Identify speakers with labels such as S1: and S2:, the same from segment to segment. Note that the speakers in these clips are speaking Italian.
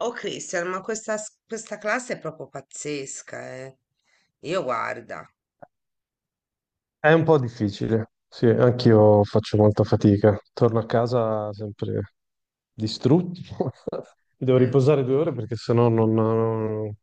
S1: Oh Cristian, ma questa, questa classe è proprio pazzesca, Io guarda.
S2: È un po' difficile, sì, anch'io faccio molta fatica. Torno a casa sempre distrutto. Mi devo
S1: Mm.
S2: riposare 2 ore perché sennò non, non,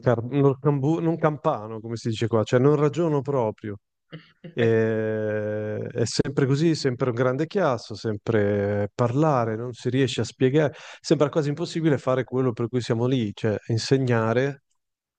S2: non campano, come si dice qua, cioè non ragiono proprio. È sempre così, sempre un grande chiasso, sempre parlare, non si riesce a spiegare. Sembra quasi impossibile fare quello per cui siamo lì, cioè insegnare.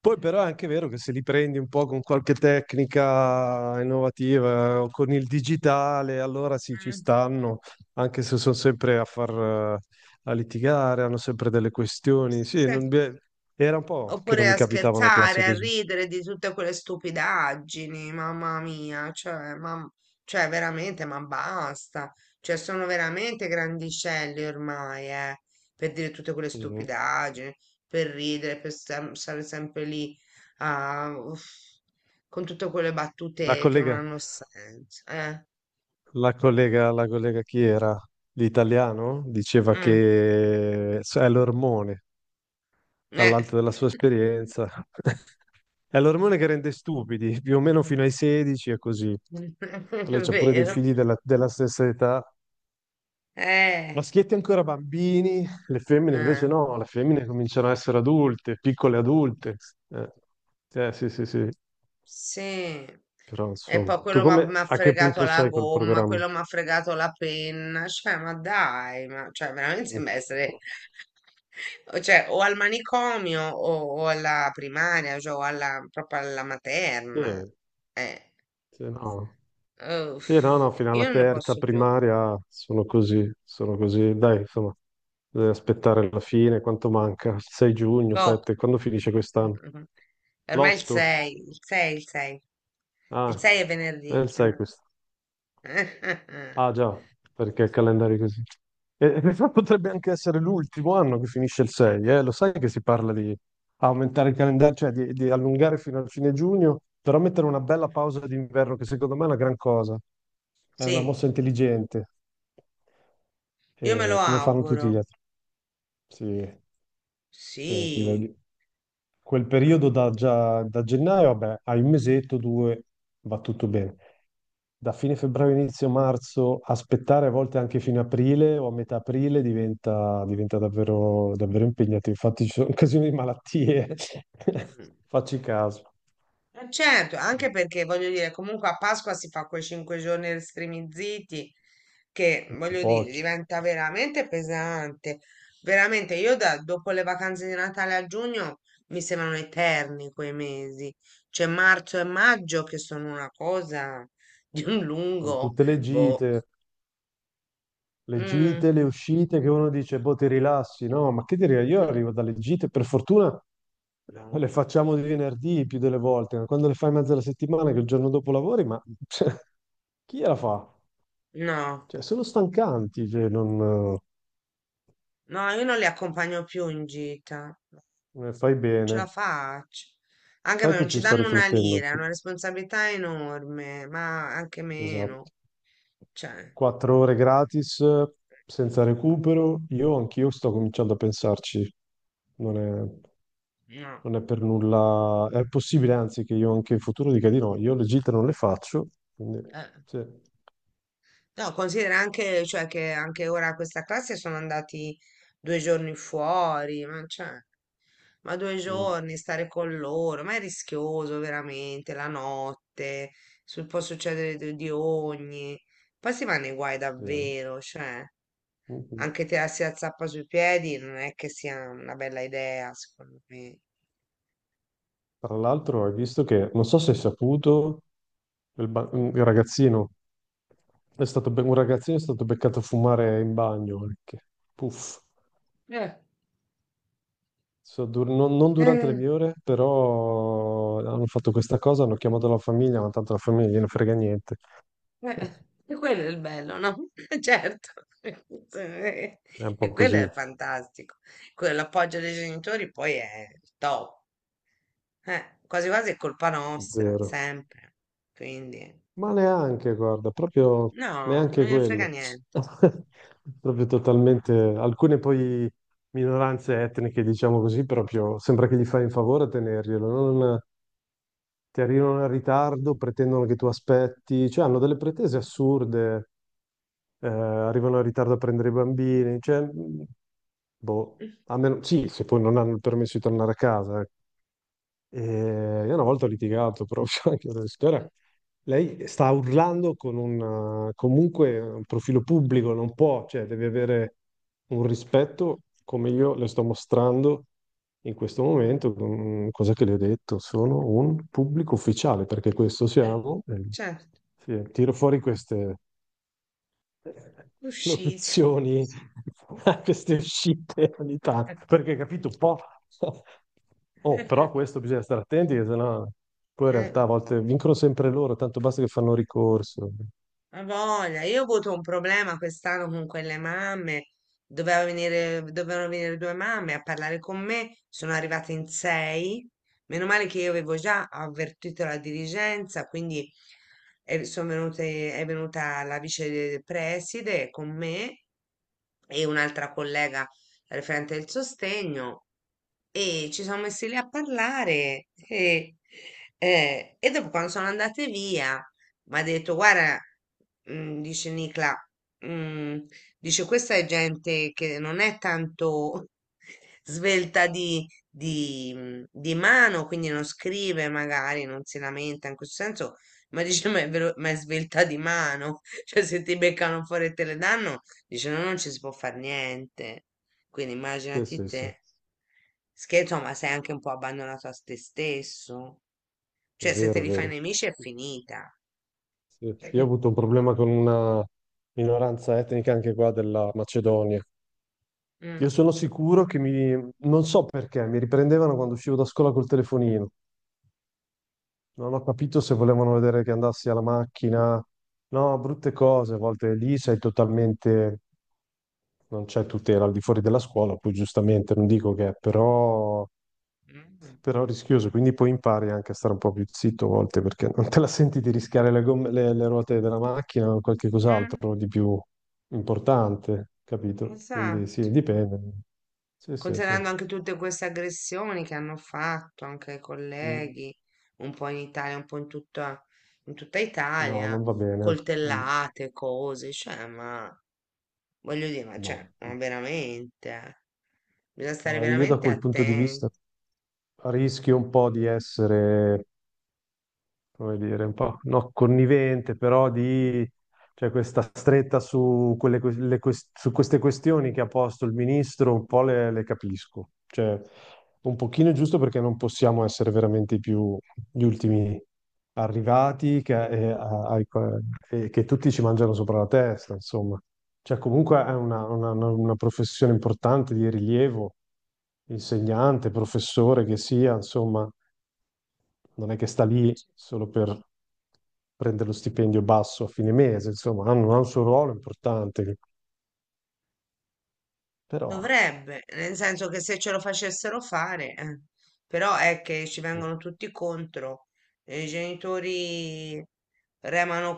S2: Poi però è anche vero che se li prendi un po' con qualche tecnica innovativa, o con il digitale, allora sì, ci
S1: Mm.
S2: stanno, anche se sono sempre a litigare, hanno sempre delle questioni. Sì,
S1: Se-
S2: beh, era un po' che non
S1: Oppure
S2: mi
S1: a
S2: capitava una classe
S1: scherzare, a
S2: così.
S1: ridere di tutte quelle stupidaggini, mamma mia, cioè, ma, cioè veramente, ma basta. Cioè, sono veramente grandicelli ormai, per dire tutte quelle
S2: Mhm.
S1: stupidaggini, per ridere, stare sempre lì, a- uff, con tutte quelle
S2: La
S1: battute che non
S2: collega,
S1: hanno senso,
S2: la collega chi era? L'italiano? Diceva
S1: Mm,
S2: che è l'ormone,
S1: eh.
S2: dall'alto della sua esperienza. È l'ormone che rende stupidi, più o meno fino ai 16 è così. Lei
S1: È
S2: c'ha pure dei
S1: vero,
S2: figli della stessa età.
S1: eh.
S2: Maschietti ancora bambini, le femmine invece
S1: eh.
S2: no, le femmine cominciano a essere adulte, piccole adulte. Eh, sì, sì, sì.
S1: Sì,
S2: Però
S1: e poi
S2: insomma, tu
S1: quello m'ha
S2: come,
S1: m'ha
S2: a che
S1: fregato
S2: punto
S1: la
S2: sei col
S1: gomma,
S2: programma?
S1: quello mi ha fregato la penna, cioè ma dai, ma cioè, veramente sembra essere o cioè, o al manicomio o alla primaria, cioè, o alla, proprio alla materna.
S2: Eh,
S1: Eh,
S2: sì, no. Sì, no, no, fino alla
S1: io non ne
S2: terza
S1: posso più,
S2: primaria sono così, sono così. Dai, insomma, bisogna aspettare la fine, quanto manca? Il 6 giugno,
S1: poco.
S2: 7, quando finisce quest'anno?
S1: Ormai il
S2: L'8?
S1: 6, il
S2: Ah,
S1: 6 è
S2: è
S1: venerdì.
S2: il 6 questo. Ah, già, perché il calendario è così. E in realtà potrebbe anche essere l'ultimo anno che finisce il 6, eh? Lo sai che si parla di aumentare il calendario, cioè di allungare fino al fine giugno, però mettere una bella pausa d'inverno, che secondo me è una gran cosa. È una
S1: Sì,
S2: mossa intelligente,
S1: io me lo
S2: come fanno tutti gli
S1: auguro,
S2: altri. Sì, cioè,
S1: sì.
S2: quel periodo già, da gennaio, vabbè, hai un mesetto, due, va tutto bene. Da fine febbraio, inizio marzo, aspettare a volte anche fine aprile o a metà aprile diventa davvero, davvero impegnativo. Infatti ci sono occasioni di malattie,
S1: Mm.
S2: facci caso.
S1: Certo,
S2: Sì,
S1: anche perché voglio dire, comunque a Pasqua si fa quei cinque giorni restrinziti che
S2: sono
S1: voglio dire,
S2: pochi,
S1: diventa veramente pesante. Veramente, io dopo le vacanze di Natale a giugno mi sembrano eterni quei mesi. C'è marzo e maggio che sono una cosa di un
S2: con
S1: lungo,
S2: tutte le
S1: boh.
S2: gite. Le
S1: Mm,
S2: gite, le uscite, che uno dice, boh, ti rilassi, no? Ma che dire, io arrivo dalle gite, per fortuna le
S1: No.
S2: facciamo di venerdì più delle volte, ma quando le fai in mezzo alla settimana, che il giorno dopo lavori, ma cioè, chi la fa?
S1: No,
S2: Cioè, sono stancanti, cioè, non
S1: no, io non li accompagno più in gita.
S2: ne fai
S1: Ce la
S2: bene.
S1: faccio. Anche
S2: Sai
S1: perché
S2: che
S1: non ci
S2: ci sto
S1: danno una
S2: riflettendo
S1: lira, è
S2: anch'io.
S1: una responsabilità enorme, ma anche meno.
S2: Esatto.
S1: Cioè,
S2: 4 ore gratis, senza recupero, io anch'io sto cominciando a pensarci. Non è...
S1: no.
S2: Non è per nulla, è possibile anzi che io anche in futuro dica di no, io le gite non le faccio, quindi
S1: Eh.
S2: sì.
S1: No, considera anche, cioè, che anche ora questa classe sono andati due giorni fuori, ma, cioè, ma due
S2: Mm,
S1: giorni stare con loro, ma è rischioso veramente, la notte, può succedere di ogni. Poi si va nei guai
S2: sì, eh.
S1: davvero, cioè.
S2: Mhm.
S1: Anche tirarsi la zappa sui piedi non è che sia una bella idea, secondo me.
S2: Tra l'altro hai visto che, non so se hai saputo, il, ba- il ragazzino è stato, be- un ragazzino è stato beccato a fumare in bagno anche, puff.
S1: Eh,
S2: Non, non durante le
S1: eh,
S2: mie ore, però hanno fatto questa cosa, hanno chiamato la famiglia, ma tanto la famiglia non gliene frega niente,
S1: eh, e quello è il bello, no? Certo, e
S2: è un po'
S1: quello
S2: così,
S1: è fantastico. Quello, l'appoggio dei genitori poi è il top. Quasi quasi è colpa nostra,
S2: zero.
S1: sempre. Quindi,
S2: Ma neanche, guarda, proprio
S1: no, non me
S2: neanche
S1: ne frega
S2: quello.
S1: niente.
S2: Proprio totalmente. Alcune poi minoranze etniche, diciamo così, proprio sembra che gli fai un favore a tenerglielo. Non, ti arrivano in ritardo, pretendono che tu aspetti, cioè hanno delle pretese assurde, arrivano in ritardo a prendere i bambini, cioè, boh, a meno, sì, se poi non hanno il permesso di tornare a casa, eh. E io una volta ho litigato proprio anche con la signora. Lei sta urlando con un comunque un profilo pubblico, non può, cioè deve avere un rispetto come io le sto mostrando in questo momento. Mm, cosa che le ho detto? Sono un pubblico ufficiale, perché questo
S1: Eh,
S2: siamo.
S1: Certo,
S2: Sì, tiro fuori queste
S1: uscite.
S2: locuzioni a queste uscite ogni tanto. Perché capito un po'. Oh, però questo bisogna stare attenti, che sennò poi in
S1: Eh.
S2: realtà a volte vincono sempre loro, tanto basta che fanno ricorso.
S1: Ma voglia, io ho avuto un problema quest'anno con quelle mamme. Dovevano venire due mamme a parlare con me. Sono arrivate in sei. Meno male che io avevo già avvertito la dirigenza, quindi sono venute, è venuta la vice preside con me e un'altra collega referente del sostegno. E ci siamo messi lì a parlare e dopo quando sono andate via mi ha detto, guarda, dice Nicla, mm, dice questa è gente che non è tanto svelta di mano, quindi non scrive magari, non si lamenta in questo senso, ma dice ma è, ma è svelta di mano, cioè se ti beccano fuori e te le danno, dice no, non ci si può fare niente. Quindi
S2: Sì,
S1: immaginati
S2: sì, sì, è
S1: te, scherzo, ma sei anche un po' abbandonato a te stesso. Cioè, se te
S2: vero, è
S1: li fai
S2: vero.
S1: nemici è finita.
S2: Sì. Io ho
S1: Cioè,
S2: avuto un problema con una minoranza etnica anche qua della Macedonia.
S1: Mm,
S2: Io sono sicuro che mi, non so perché, mi riprendevano quando uscivo da scuola col telefonino. Non ho capito se volevano vedere che andassi alla macchina. No, brutte cose, a volte lì sei totalmente, non c'è tutela al di fuori della scuola, poi giustamente non dico che è, però,
S1: mm, mm,
S2: però è rischioso, quindi poi impari anche a stare un po' più zitto a volte perché non te la senti di rischiare le ruote della macchina o qualche
S1: Eh,
S2: cos'altro di più importante, capito? Quindi
S1: esatto.
S2: sì, dipende. Sì, sì, sì.
S1: Considerando anche tutte queste aggressioni che hanno fatto anche ai
S2: Mm.
S1: colleghi, un po' in Italia, un po' in tutta
S2: No,
S1: Italia,
S2: non va bene. Mm.
S1: coltellate, cose, cioè, ma voglio dire, ma cioè,
S2: No.
S1: ma veramente, bisogna stare
S2: No, io da
S1: veramente
S2: quel punto di
S1: attenti.
S2: vista rischi un po' di essere, come dire, un po' no, connivente, però di cioè questa stretta su queste questioni che ha posto il ministro, un po' le capisco. Cioè, un pochino è giusto perché non possiamo essere veramente più gli ultimi arrivati che tutti ci mangiano sopra la testa, insomma. Cioè, comunque è una professione importante di rilievo, insegnante, professore che sia, insomma, non è che sta lì solo per prendere lo stipendio basso a fine mese, insomma, hanno, ha un suo ruolo importante, però.
S1: Dovrebbe, nel senso che se ce lo facessero fare, eh. Però è che ci vengono tutti contro, i genitori remano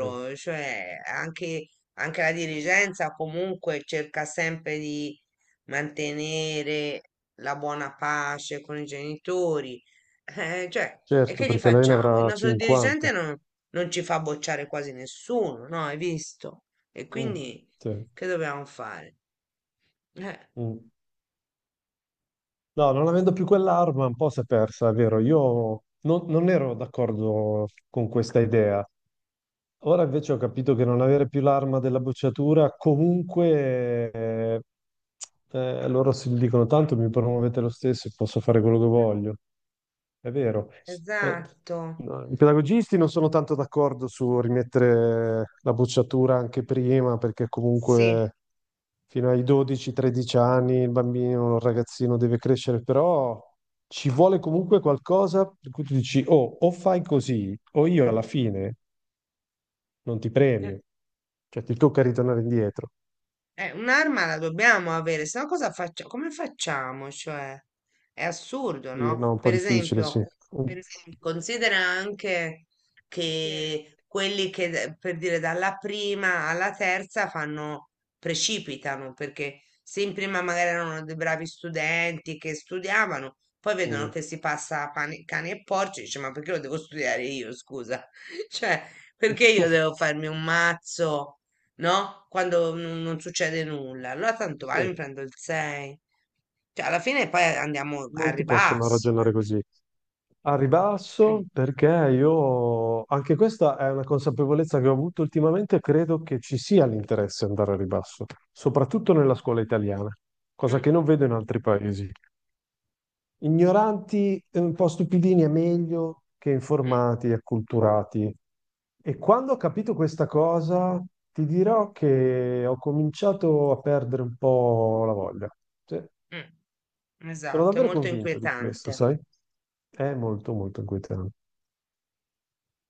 S2: Eh,
S1: anche la dirigenza comunque cerca sempre di mantenere la buona pace con i genitori. Cioè, e
S2: certo,
S1: che gli
S2: perché lei ne
S1: facciamo? Il
S2: avrà
S1: nostro
S2: 50.
S1: dirigente non, non ci fa bocciare quasi nessuno, no? Hai visto? E
S2: Mm,
S1: quindi
S2: sì,
S1: che dobbiamo fare? Eh.
S2: mm. No, non avendo più quell'arma, un po' si è persa, è vero. Io non ero d'accordo con questa idea. Ora invece ho capito che non avere più l'arma della bocciatura, comunque, loro si dicono tanto mi promuovete lo stesso e posso fare quello che voglio. È vero. Eh,
S1: Esatto,
S2: no, i pedagogisti non sono tanto d'accordo su rimettere la bocciatura anche prima, perché
S1: sì.
S2: comunque fino ai 12-13 anni il bambino, il ragazzino deve crescere, però ci vuole comunque qualcosa per cui tu dici, oh, o fai così, o io alla fine non ti
S1: Eh,
S2: premio, cioè ti tocca ritornare indietro.
S1: un'arma la dobbiamo avere, se no cosa facciamo? Come facciamo? Cioè, è assurdo,
S2: Sì,
S1: no?
S2: no, un po'
S1: Per
S2: difficile, sì.
S1: esempio,
S2: Mm.
S1: considera anche che quelli che, per dire, dalla prima alla terza fanno, precipitano, perché se in prima magari erano dei bravi studenti che studiavano, poi vedono
S2: Mm.
S1: che si passa a cani e porci, dice, ma perché lo devo studiare io, scusa? Cioè, perché io devo farmi un mazzo, no? Quando non succede nulla. Allora tanto
S2: Sì,
S1: vale, mi prendo il 6. Cioè, alla fine poi andiamo al
S2: molti possono
S1: ribasso.
S2: ragionare così. Al ribasso, perché io, anche questa è una consapevolezza che ho avuto ultimamente, credo che ci sia l'interesse ad andare al ribasso, soprattutto nella scuola italiana, cosa
S1: Mm,
S2: che non vedo in altri paesi. Ignoranti, e un po' stupidini è meglio che
S1: mm,
S2: informati e acculturati. E quando ho capito questa cosa, ti dirò che ho cominciato a perdere un po' la voglia. Sì,
S1: mm.
S2: sono
S1: Esatto, è
S2: davvero
S1: molto
S2: convinto di questo,
S1: inquietante.
S2: sai? È molto, molto inquietante.